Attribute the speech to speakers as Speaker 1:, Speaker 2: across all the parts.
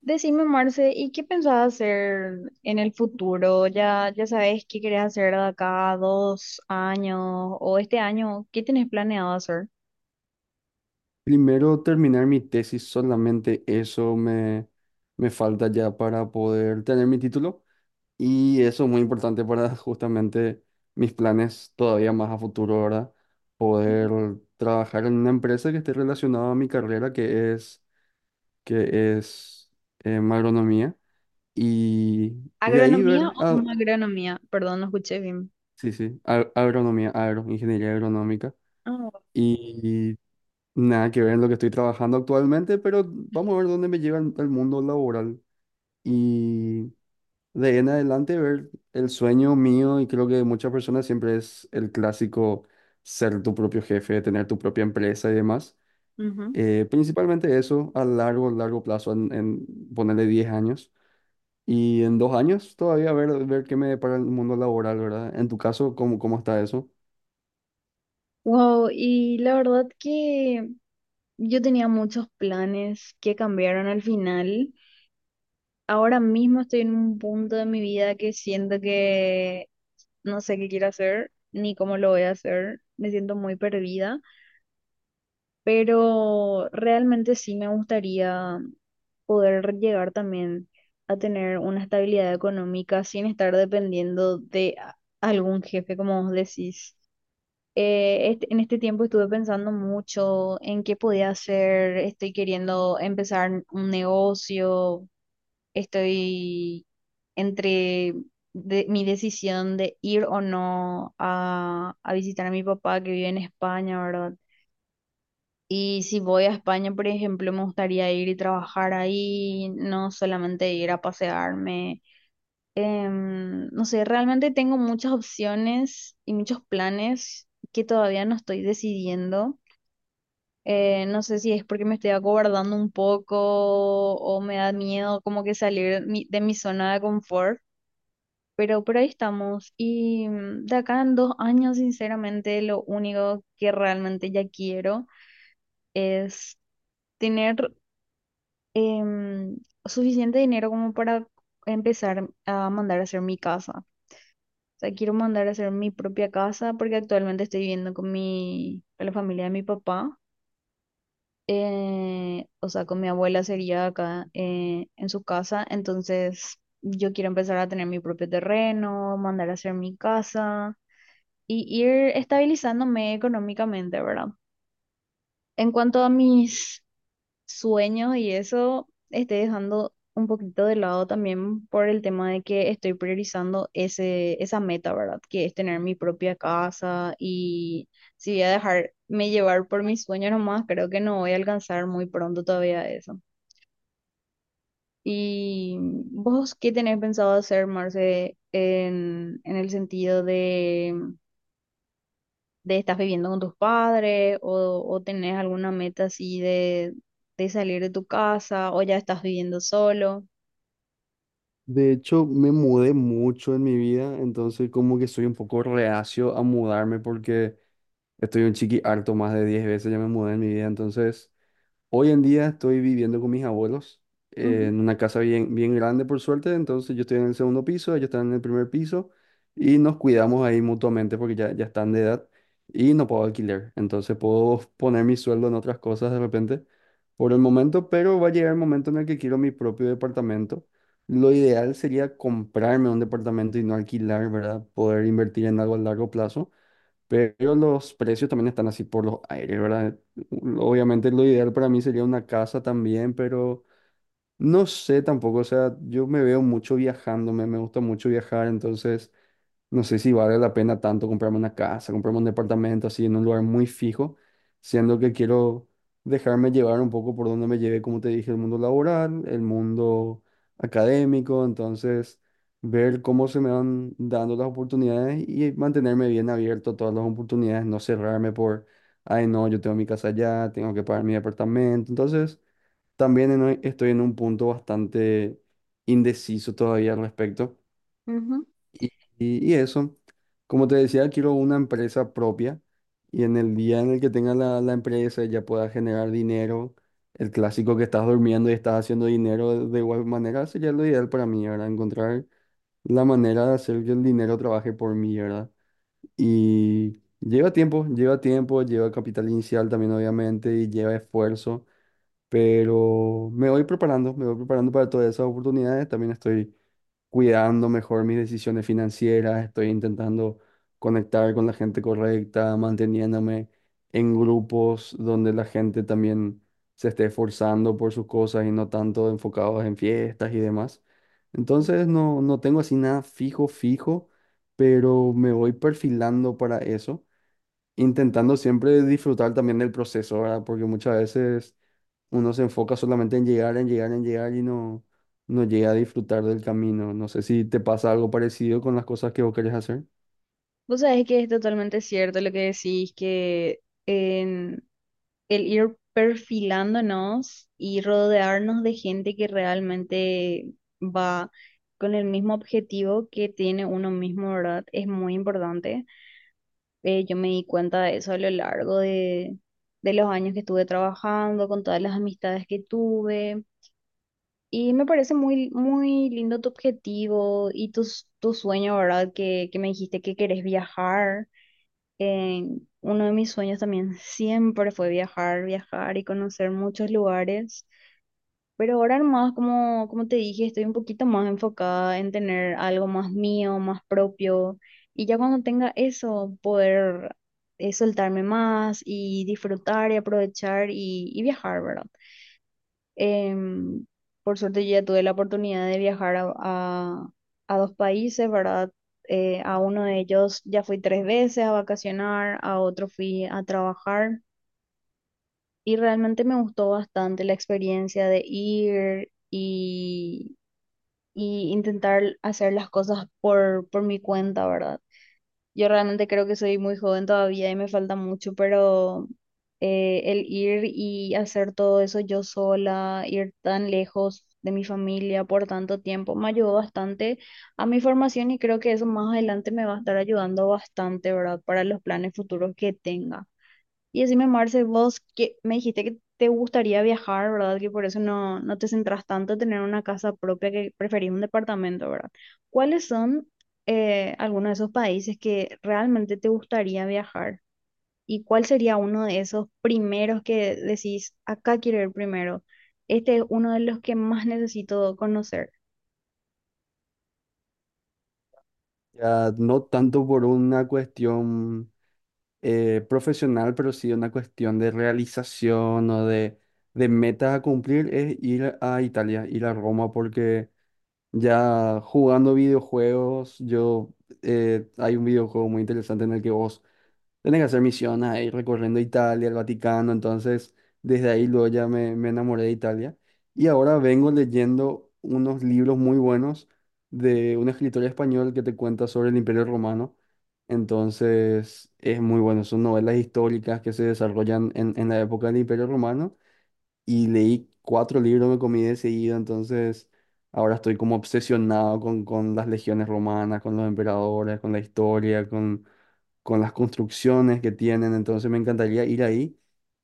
Speaker 1: Decime, Marce, ¿y qué pensabas hacer en el futuro? ¿Ya sabes qué querés hacer de acá a 2 años o este año? ¿Qué tenés planeado hacer?
Speaker 2: Primero terminar mi tesis, solamente eso me falta ya para poder tener mi título y eso es muy importante para justamente mis planes todavía más a futuro, ¿verdad? Poder
Speaker 1: Ujú.
Speaker 2: trabajar en una empresa que esté relacionada a mi carrera, que es agronomía y de ahí
Speaker 1: ¿Agronomía
Speaker 2: ver,
Speaker 1: o una agronomía? Perdón, no escuché bien.
Speaker 2: sí, sí, agronomía, ingeniería agronómica. Mm.
Speaker 1: Ah,
Speaker 2: Nada que ver en lo que estoy trabajando actualmente, pero vamos a ver dónde me lleva el mundo laboral. Y de ahí en adelante, ver el sueño mío y creo que de muchas personas siempre es el clásico ser tu propio jefe, tener tu propia empresa y demás.
Speaker 1: ujú.
Speaker 2: Principalmente eso a largo, largo plazo, en ponerle 10 años. Y en 2 años todavía ver qué me depara el mundo laboral, ¿verdad? En tu caso, ¿cómo está eso?
Speaker 1: Wow, y la verdad que yo tenía muchos planes que cambiaron al final. Ahora mismo estoy en un punto de mi vida que siento que no sé qué quiero hacer ni cómo lo voy a hacer. Me siento muy perdida, pero realmente sí me gustaría poder llegar también a tener una estabilidad económica sin estar dependiendo de algún jefe, como vos decís. En este tiempo estuve pensando mucho en qué podía hacer, estoy queriendo empezar un negocio, estoy entre mi decisión de ir o no a, a visitar a mi papá que vive en España, ¿verdad? Y si voy a España, por ejemplo, me gustaría ir y trabajar ahí, no solamente ir a pasearme. No sé, realmente tengo muchas opciones y muchos planes que todavía no estoy decidiendo. No sé si es porque me estoy acobardando un poco o me da miedo como que salir de mi zona de confort, pero por ahí estamos. Y de acá en 2 años, sinceramente, lo único que realmente ya quiero es tener em, suficiente dinero como para empezar a mandar a hacer mi casa. O sea, quiero mandar a hacer mi propia casa porque actualmente estoy viviendo con mi, con la familia de mi papá. O sea, con mi abuela sería acá en su casa. Entonces, yo quiero empezar a tener mi propio terreno, mandar a hacer mi casa y ir estabilizándome económicamente, ¿verdad? En cuanto a mis sueños y eso estoy dejando un poquito de lado también por el tema de que estoy priorizando esa meta, ¿verdad? Que es tener mi propia casa. Y si voy a dejarme llevar por mis sueños nomás, creo que no voy a alcanzar muy pronto todavía eso. ¿Y vos qué tenés pensado hacer, Marce, en el sentido de estás viviendo con tus padres o tenés alguna meta así de salir de tu casa o ya estás viviendo solo?
Speaker 2: De hecho, me mudé mucho en mi vida, entonces como que soy un poco reacio a mudarme porque estoy un chiqui harto, más de 10 veces ya me mudé en mi vida, entonces… Hoy en día estoy viviendo con mis abuelos,
Speaker 1: Ujú,
Speaker 2: en una casa bien, bien grande, por suerte. Entonces yo estoy en el segundo piso, ellos están en el primer piso y nos cuidamos ahí mutuamente porque ya, ya están de edad y no puedo alquiler. Entonces puedo poner mi sueldo en otras cosas de repente por el momento, pero va a llegar el momento en el que quiero mi propio departamento. Lo ideal sería comprarme un departamento y no alquilar, ¿verdad? Poder invertir en algo a largo plazo. Pero los precios también están así por los aires, ¿verdad? Obviamente lo ideal para mí sería una casa también, pero no sé tampoco, o sea, yo me veo mucho viajando, me gusta mucho viajar, entonces no sé si vale la pena tanto comprarme una casa, comprarme un departamento así en un lugar muy fijo, siendo que quiero dejarme llevar un poco por donde me lleve, como te dije, el mundo laboral, el mundo académico, entonces ver cómo se me van dando las oportunidades y mantenerme bien abierto a todas las oportunidades, no cerrarme por, ay no, yo tengo mi casa allá, tengo que pagar mi departamento, entonces también estoy en un punto bastante indeciso todavía al respecto.
Speaker 1: ujú.
Speaker 2: Y, y eso, como te decía, quiero una empresa propia y en el día en el que tenga la empresa ya pueda generar dinero, el clásico que estás durmiendo y estás haciendo dinero de igual manera sería lo ideal para mí, ¿verdad? Encontrar la manera de hacer que el dinero trabaje por mí, ¿verdad? Y lleva tiempo, lleva tiempo, lleva capital inicial también obviamente y lleva esfuerzo, pero me voy preparando para todas esas oportunidades, también estoy cuidando mejor mis decisiones financieras, estoy intentando conectar con la gente correcta, manteniéndome en grupos donde la gente también se esté esforzando por sus cosas y no tanto enfocados en fiestas y demás. Entonces no, no tengo así nada fijo, fijo, pero me voy perfilando para eso, intentando siempre disfrutar también del proceso, ¿verdad? Porque muchas veces uno se enfoca solamente en llegar, en llegar, en llegar y no, no llega a disfrutar del camino. No sé si te pasa algo parecido con las cosas que vos querés hacer.
Speaker 1: Vos sabés que es totalmente cierto lo que decís, que en el ir perfilándonos y rodearnos de gente que realmente va con el mismo objetivo que tiene uno mismo, ¿verdad? Es muy importante. Yo me di cuenta de eso a lo largo de los años que estuve trabajando, con todas las amistades que tuve. Y me parece muy, muy lindo tu objetivo y tu sueño, ¿verdad? Que me dijiste que querés viajar. Eh, Uno de mis sueños también siempre fue viajar, viajar y conocer muchos lugares. Pero ahora más, como te dije, estoy un poquito más enfocada en tener algo más mío, más propio. Y ya cuando tenga eso, poder soltarme más y disfrutar y aprovechar y viajar, ¿verdad? Em, por suerte yo ya tuve la oportunidad de viajar a dos países, ¿verdad? A uno de ellos ya fui tres veces a vacacionar, a otro fui a trabajar. Y realmente me gustó bastante la experiencia de ir y intentar hacer las cosas por mi cuenta, ¿verdad? Yo realmente creo que soy muy joven todavía y me falta mucho, pero el ir y hacer todo eso yo sola, ir tan lejos de mi familia por tanto tiempo, me ayudó bastante a mi formación y creo que eso más adelante me va a estar ayudando bastante, ¿verdad? Para los planes futuros que tenga. Y decime, Marce, vos que me dijiste que te gustaría viajar, ¿verdad? Que por eso no te centras tanto en tener una casa propia, que preferís un departamento, ¿verdad? ¿Cuáles son algunos de esos países que realmente te gustaría viajar? ¿Y cuál sería uno de esos primeros que decís, acá quiero ir primero? Este es uno de los que más necesito conocer.
Speaker 2: Ya no tanto por una cuestión profesional, pero sí una cuestión de realización o de metas a cumplir, es ir a Italia, ir a Roma, porque ya jugando videojuegos, yo hay un videojuego muy interesante en el que vos tenés que hacer misiones ahí recorriendo Italia, el Vaticano, entonces desde ahí luego ya me enamoré de Italia. Y ahora vengo leyendo unos libros muy buenos de un escritor español que te cuenta sobre el Imperio Romano. Entonces es muy bueno, son novelas históricas que se desarrollan en la época del Imperio Romano y leí 4 libros que comí de seguido, entonces ahora estoy como obsesionado con las legiones romanas, con los emperadores, con la historia, con las construcciones que tienen, entonces me encantaría ir ahí.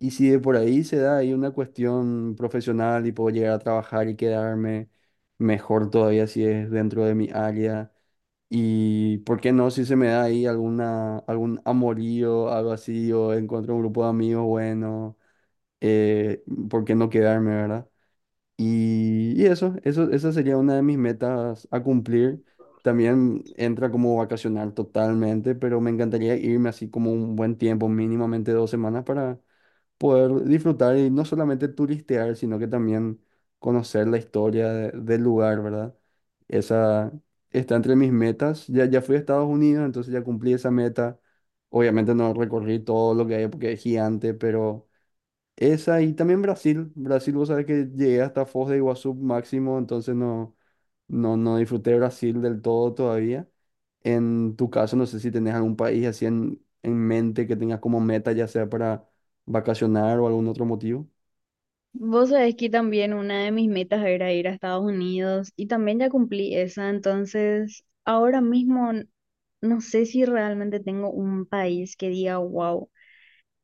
Speaker 2: Y si de por ahí se da ahí una cuestión profesional y puedo llegar a trabajar y quedarme, mejor todavía si es dentro de mi área. Y por qué no, si se me da ahí alguna, algún amorío, algo así, o encuentro un grupo de amigos bueno, eh, ¿por qué no quedarme, verdad? Esa sería una de mis metas a cumplir. También entra como vacacionar totalmente, pero me encantaría irme así como un buen tiempo, mínimamente 2 semanas, para poder disfrutar y no solamente turistear, sino que también conocer la historia del lugar, ¿verdad? Esa está entre mis metas. Ya, ya fui a Estados Unidos, entonces ya cumplí esa meta. Obviamente no recorrí todo lo que hay porque es gigante, pero… Esa y también Brasil. Brasil, vos sabés que llegué hasta Foz de Iguazú máximo, entonces no, no, no disfruté Brasil del todo todavía. En tu caso, no sé si tenés algún país así en mente que tengas como meta, ya sea para vacacionar o algún otro motivo.
Speaker 1: Vos sabés que también una de mis metas era ir a Estados Unidos y también ya cumplí esa, entonces ahora mismo no sé si realmente tengo un país que diga wow.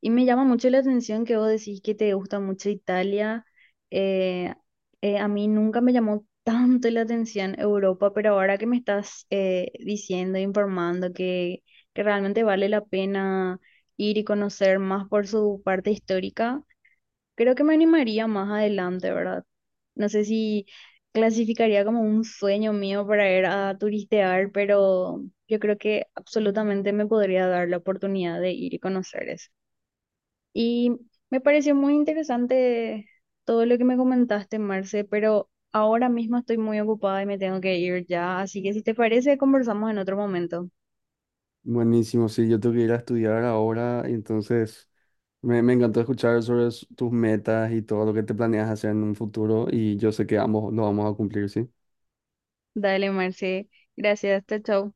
Speaker 1: Y me llama mucho la atención que vos decís que te gusta mucho Italia. eh, a mí nunca me llamó tanto la atención Europa, pero ahora que me estás diciendo, informando que realmente vale la pena ir y conocer más por su parte histórica. Creo que me animaría más adelante, ¿verdad? No sé si clasificaría como un sueño mío para ir a turistear, pero yo creo que absolutamente me podría dar la oportunidad de ir y conocer eso. Y me pareció muy interesante todo lo que me comentaste, Marce, pero ahora mismo estoy muy ocupada y me tengo que ir ya, así que si te parece, conversamos en otro momento.
Speaker 2: Buenísimo, sí, yo tengo que ir a estudiar ahora, y entonces me encantó escuchar sobre tus metas y todo lo que te planeas hacer en un futuro y yo sé que ambos lo vamos a cumplir, ¿sí?
Speaker 1: Dale, Marce. Gracias, chao, chao.